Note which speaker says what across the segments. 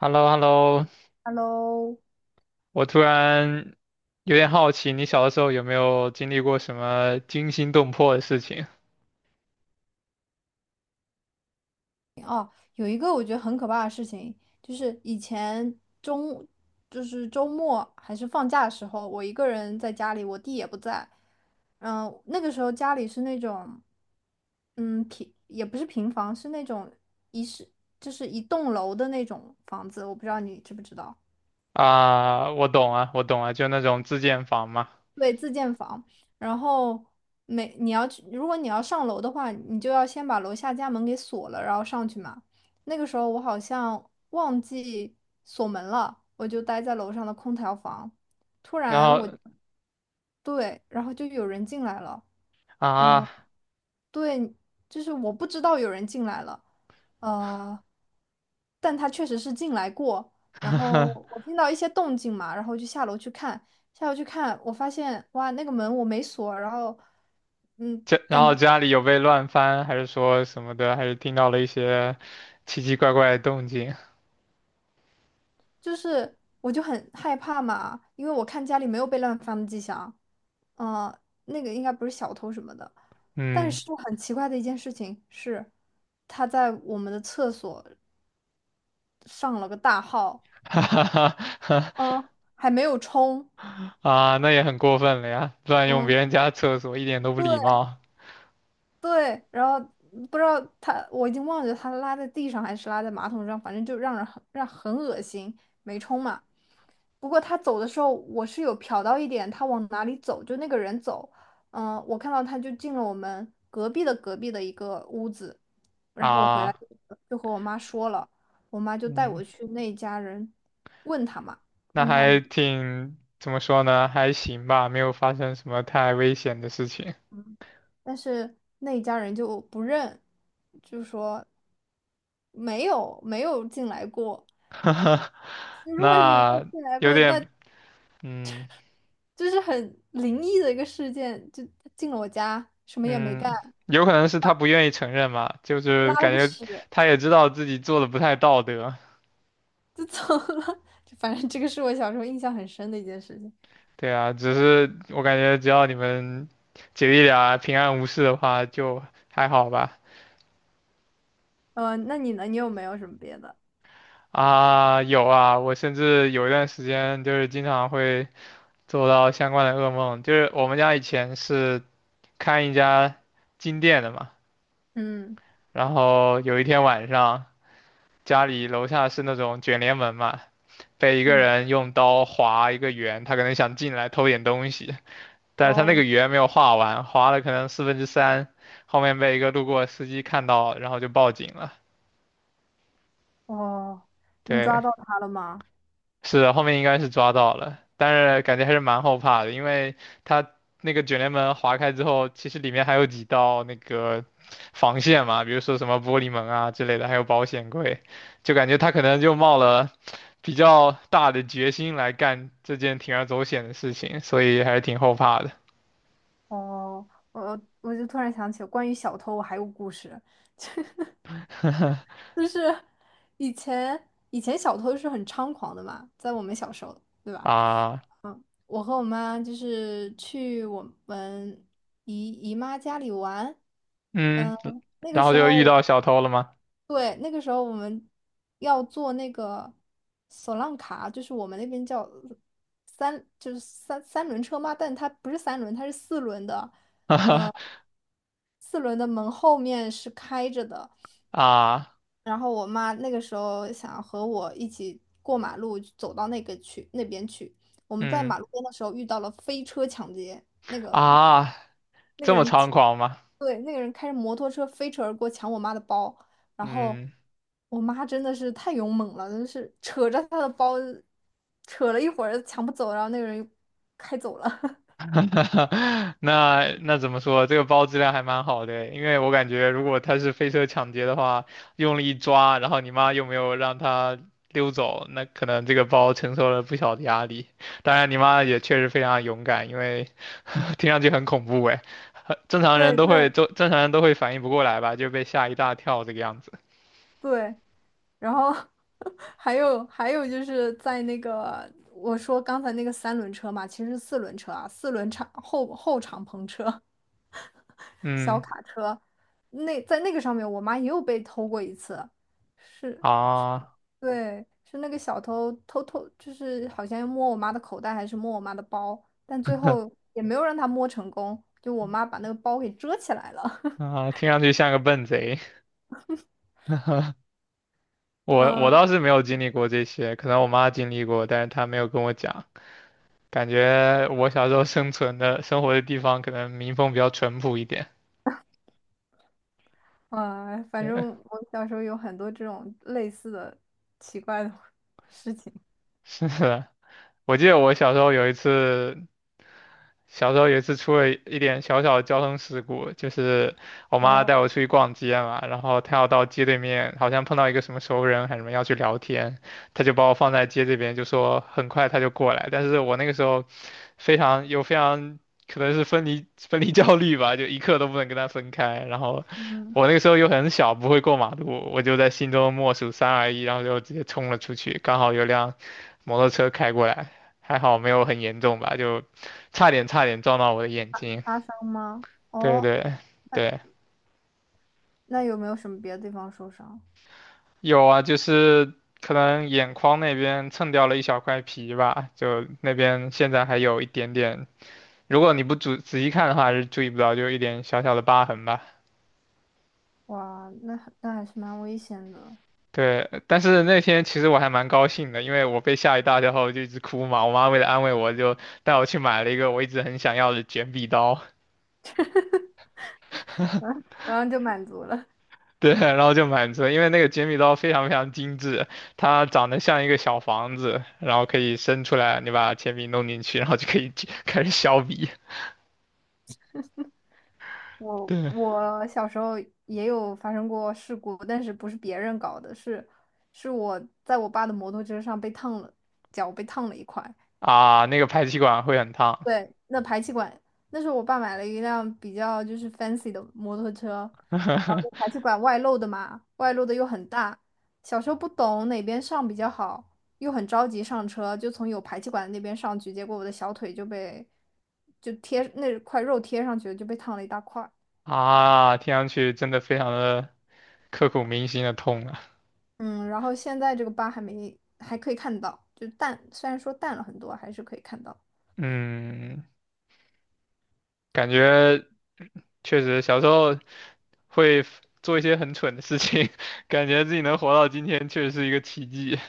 Speaker 1: hello hello.
Speaker 2: Hello，
Speaker 1: 我突然有点好奇，你小的时候有没有经历过什么惊心动魄的事情？
Speaker 2: 哦，有一个我觉得很可怕的事情，就是以前中，就是周末还是放假的时候，我一个人在家里，我弟也不在。嗯，那个时候家里是那种，嗯，平也不是平房，是那种一室，就是一栋楼的那种房子，我不知道你知不知道。
Speaker 1: 啊？我懂啊，就那种自建房嘛。
Speaker 2: 对，自建房。然后每你要去，如果你要上楼的话，你就要先把楼下家门给锁了，然后上去嘛。那个时候我好像忘记锁门了，我就待在楼上的空调房。突
Speaker 1: 然
Speaker 2: 然我，
Speaker 1: 后
Speaker 2: 对，然后就有人进来了。嗯。
Speaker 1: 啊，
Speaker 2: 对，就是我不知道有人进来了，呃，但他确实是进来过。然后我 听到一些动静嘛，然后就下楼去看，下楼去看，我发现哇，那个门我没锁，然后嗯，
Speaker 1: 家然
Speaker 2: 感觉
Speaker 1: 后家里有被乱翻，还是说什么的，还是听到了一些奇奇怪怪的动静？
Speaker 2: 就是我就很害怕嘛，因为我看家里没有被乱翻的迹象，嗯、那个应该不是小偷什么的。但
Speaker 1: 嗯，
Speaker 2: 是很奇怪的一件事情是，他在我们的厕所上了个大号。
Speaker 1: 哈哈哈，
Speaker 2: 嗯，还没有冲，
Speaker 1: 啊，那也很过分了呀，乱用
Speaker 2: 嗯，
Speaker 1: 别人家厕所，一点都不礼
Speaker 2: 对，
Speaker 1: 貌
Speaker 2: 对，然后不知道他，我已经忘记他拉在地上还是拉在马桶上，反正就让人很让很恶心，没冲嘛。不过他走的时候，我是有瞟到一点，他往哪里走，就那个人走，嗯，我看到他就进了我们隔壁的隔壁的一个屋子，然后我回来
Speaker 1: 啊。
Speaker 2: 就和我妈说了，我妈就带
Speaker 1: 嗯，
Speaker 2: 我去那家人问他嘛，
Speaker 1: 那
Speaker 2: 问他
Speaker 1: 还
Speaker 2: 里。
Speaker 1: 挺，怎么说呢？还行吧，没有发生什么太危险的事情。
Speaker 2: 嗯但是那一家人就不认，就说没有进来过。如果是你没有
Speaker 1: 那
Speaker 2: 进来
Speaker 1: 有
Speaker 2: 过，那
Speaker 1: 点，嗯
Speaker 2: 就是很灵异的一个事件，就他进了我家，什么也没干，
Speaker 1: 嗯，有可能是他不愿意承认嘛，就
Speaker 2: 拉
Speaker 1: 是
Speaker 2: 了
Speaker 1: 感
Speaker 2: 个
Speaker 1: 觉
Speaker 2: 屎
Speaker 1: 他也知道自己做的不太道德。
Speaker 2: 就走了。就反正这个是我小时候印象很深的一件事情。
Speaker 1: 对啊，只是我感觉只要你们姐弟俩平安无事的话，就还好吧。
Speaker 2: 那你呢？你有没有什么别的？
Speaker 1: 啊，有啊，我甚至有一段时间就是经常会做到相关的噩梦，就是我们家以前是。看一家金店的嘛，
Speaker 2: 嗯
Speaker 1: 然后有一天晚上，家里楼下是那种卷帘门嘛，被一个
Speaker 2: 嗯，
Speaker 1: 人用刀划一个圆，他可能想进来偷点东西，但
Speaker 2: 哇
Speaker 1: 是他那个
Speaker 2: 哦
Speaker 1: 圆没有画完，划了可能四分之三，后面被一个路过的司机看到，然后就报警了。
Speaker 2: 哦，你抓
Speaker 1: 对，
Speaker 2: 到他了吗？
Speaker 1: 是的，后面应该是抓到了，但是感觉还是蛮后怕的，因为他那个卷帘门划开之后，其实里面还有几道那个防线嘛，比如说什么玻璃门啊之类的，还有保险柜，就感觉他可能就冒了比较大的决心来干这件铤而走险的事情，所以还是挺后怕的。
Speaker 2: 哦，我就突然想起关于小偷，我还有故事。就是以前小偷是很猖狂的嘛，在我们小时候，对吧？
Speaker 1: 啊，
Speaker 2: 我和我妈就是去我们姨妈家里玩，
Speaker 1: 嗯，
Speaker 2: 嗯，那个
Speaker 1: 然后
Speaker 2: 时
Speaker 1: 就遇
Speaker 2: 候，
Speaker 1: 到小偷了吗？
Speaker 2: 对，那个时候我们要坐那个索浪卡，就是我们那边叫三，就是三轮车嘛，但它不是三轮，它是四轮的，四轮的门后面是开着的。
Speaker 1: 啊，
Speaker 2: 然后我妈那个时候想和我一起过马路，走到那个去那边去。我们在
Speaker 1: 嗯
Speaker 2: 马路边的时候遇到了飞车抢劫，
Speaker 1: 啊，
Speaker 2: 那个
Speaker 1: 这么
Speaker 2: 人
Speaker 1: 猖
Speaker 2: 骑
Speaker 1: 狂吗？
Speaker 2: 对，那个人开着摩托车飞驰而过，抢我妈的包。然后
Speaker 1: 嗯。
Speaker 2: 我妈真的是太勇猛了，真是扯着她的包，扯了一会儿抢不走，然后那个人又开走了。
Speaker 1: 那怎么说？这个包质量还蛮好的，因为我感觉如果他是飞车抢劫的话，用力一抓，然后你妈又没有让他溜走，那可能这个包承受了不小的压力。当然，你妈也确实非常勇敢，因为 听上去很恐怖哎，很正常人
Speaker 2: 对
Speaker 1: 都会
Speaker 2: 对
Speaker 1: 都正常人都会反应不过来吧，就被吓一大跳这个样子。
Speaker 2: 对，然后 还有就是在那个我说刚才那个三轮车嘛，其实是四轮车啊，四轮敞后敞篷车、小
Speaker 1: 嗯
Speaker 2: 卡车，那在那个上面，我妈也有被偷过一次，是，
Speaker 1: 啊
Speaker 2: 对，是那个小偷，就是好像摸我妈的口袋还是摸我妈的包，但最后也没有让她摸成功，就我妈把那个包给遮起来了，
Speaker 1: 啊，听上去像个笨贼。我
Speaker 2: 嗯。
Speaker 1: 倒是没有经历过这些，可能我妈经历过，但是她没有跟我讲。感觉我小时候生存的生活的地方可能民风比较淳朴一点。
Speaker 2: 啊，反
Speaker 1: 对，
Speaker 2: 正我小时候有很多这种类似的奇怪的 事情。
Speaker 1: 是的，我记得我小时候有一次小时候有一次出了一点小小的交通事故，就是我妈
Speaker 2: 哦，
Speaker 1: 带我出去逛街嘛，然后她要到街对面，好像碰到一个什么熟人还是什么要去聊天，她就把我放在街这边，就说很快她就过来，但是我那个时候非常有非常可能是分离焦虑吧，就一刻都不能跟她分开，然后
Speaker 2: 嗯，
Speaker 1: 我那个时候又很小，不会过马路，我就在心中默数3 2 1，然后就直接冲了出去，刚好有辆摩托车开过来，还好没有很严重吧，就。差点撞到我的眼睛。
Speaker 2: 擦伤吗？
Speaker 1: 对
Speaker 2: 哦，
Speaker 1: 对
Speaker 2: 那
Speaker 1: 对，
Speaker 2: 那有没有什么别的地方受伤？
Speaker 1: 有啊，就是可能眼眶那边蹭掉了一小块皮吧，就那边现在还有一点点，如果你不仔细看的话是注意不到，就一点小小的疤痕吧。
Speaker 2: 哇，那那还是蛮危险的。
Speaker 1: 对，但是那天其实我还蛮高兴的，因为我被吓一大跳后就一直哭嘛，我妈为了安慰我就带我去买了一个我一直很想要的卷笔刀。
Speaker 2: 然后就满足了。
Speaker 1: 对，然后就满足了，因为那个剪笔刀非常非常精致，它长得像一个小房子，然后可以伸出来，你把铅笔弄进去，然后就可以 去开始削笔。
Speaker 2: 我
Speaker 1: 对
Speaker 2: 我小时候也有发生过事故，但是不是别人搞的，是是我在我爸的摩托车上被烫了，脚被烫了一块。
Speaker 1: 啊，那个排气管会很烫。
Speaker 2: 对，那排气管，那时候我爸买了一辆比较就是 fancy 的摩托车，然后 排气管外露的嘛，外露的又很大，小时候不懂哪边上比较好，又很着急上车，就从有排气管的那边上去，结果我的小腿就被就贴那块肉贴上去了，就被烫了一大块儿。
Speaker 1: 啊，听上去真的非常的刻骨铭心的痛啊。
Speaker 2: 嗯，然后现在这个疤还没还可以看到，就淡，虽然说淡了很多，还是可以看到。
Speaker 1: 嗯，感觉确实小时候会做一些很蠢的事情，感觉自己能活到今天确实是一个奇迹。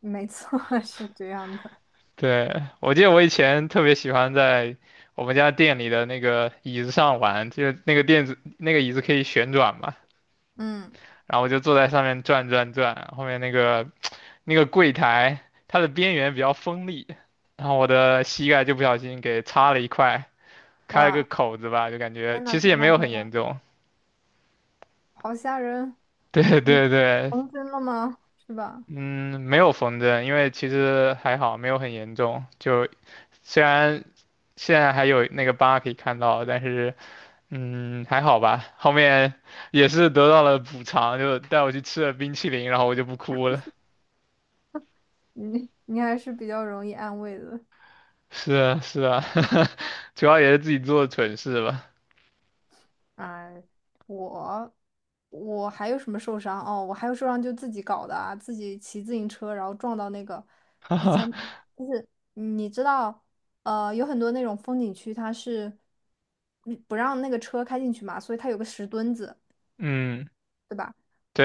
Speaker 2: 没错，是这样的。
Speaker 1: 对，我记得我以前特别喜欢在我们家店里的那个椅子上玩，就是那个垫子，那个椅子可以旋转嘛，
Speaker 2: 嗯，
Speaker 1: 然后我就坐在上面转转转，后面那个柜台，它的边缘比较锋利，然后我的膝盖就不小心给擦了一块，开了个
Speaker 2: 哇，
Speaker 1: 口子吧，就感觉
Speaker 2: 天呐
Speaker 1: 其实也
Speaker 2: 天
Speaker 1: 没
Speaker 2: 呐
Speaker 1: 有
Speaker 2: 天
Speaker 1: 很
Speaker 2: 呐，
Speaker 1: 严重。
Speaker 2: 好吓人。
Speaker 1: 对
Speaker 2: 你
Speaker 1: 对对，
Speaker 2: 重真了吗？是吧？
Speaker 1: 嗯，没有缝针，因为其实还好，没有很严重，就虽然现在还有那个疤可以看到，但是。嗯，还好吧。后面也是得到了补偿，就带我去吃了冰淇淋，然后我就不哭了。
Speaker 2: 你你还是比较容易安慰的。
Speaker 1: 是啊，是啊，主要也是自己做的蠢事吧。
Speaker 2: 哎，我我还有什么受伤？哦，我还有受伤就自己搞的啊，自己骑自行车然后撞到那个以前就是你知道，有很多那种风景区它是嗯不让那个车开进去嘛，所以它有个石墩子，
Speaker 1: 嗯，
Speaker 2: 对吧？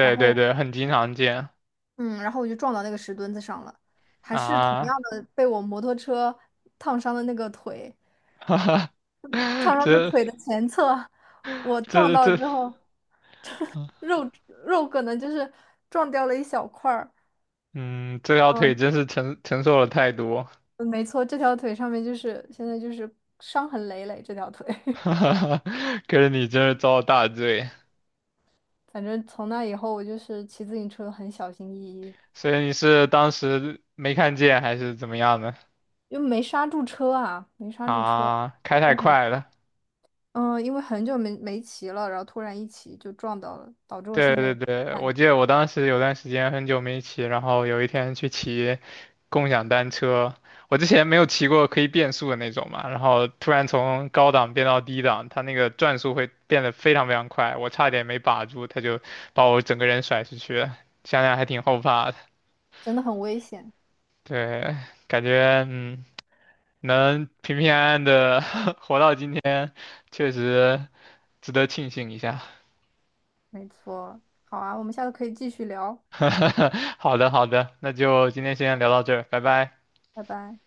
Speaker 2: 然
Speaker 1: 对
Speaker 2: 后
Speaker 1: 对，很经常见
Speaker 2: 嗯，然后我就撞到那个石墩子上了，还是同样
Speaker 1: 啊。
Speaker 2: 的被我摩托车烫伤的那个腿。
Speaker 1: 哈哈，
Speaker 2: 唐人的
Speaker 1: 这
Speaker 2: 腿的前侧，我撞
Speaker 1: 这
Speaker 2: 到
Speaker 1: 这，
Speaker 2: 之后，肉肉可能就是撞掉了一小块儿。
Speaker 1: 嗯，这条腿
Speaker 2: 嗯，
Speaker 1: 真是承受了太多。
Speaker 2: 嗯没错，这条腿上面就是现在就是伤痕累累，这条腿。
Speaker 1: 哈哈，可是你真是遭了大罪。
Speaker 2: 反正从那以后，我就是骑自行车很小心翼翼，
Speaker 1: 所以你是当时没看见还是怎么样的？
Speaker 2: 因为没刹住车啊，没刹住车，
Speaker 1: 啊，开太
Speaker 2: 撞上了
Speaker 1: 快了。
Speaker 2: 嗯，因为很久没骑了，然后突然一骑就撞到了，导致我
Speaker 1: 对
Speaker 2: 现在
Speaker 1: 对
Speaker 2: 也不
Speaker 1: 对，
Speaker 2: 敢
Speaker 1: 我记得我当时有段时间很久没骑，然后有一天去骑共享单车，我之前没有骑过可以变速的那种嘛，然后突然从高档变到低档，它那个转速会变得非常非常快，我差点没把住，它就把我整个人甩出去了，想想还挺后怕的。
Speaker 2: 真的很危险。
Speaker 1: 对，感觉嗯，能平平安安的 活到今天，确实值得庆幸一下。
Speaker 2: 没错，好啊，我们下次可以继续聊，
Speaker 1: 好的好的，那就今天先聊到这儿，拜拜。
Speaker 2: 拜拜。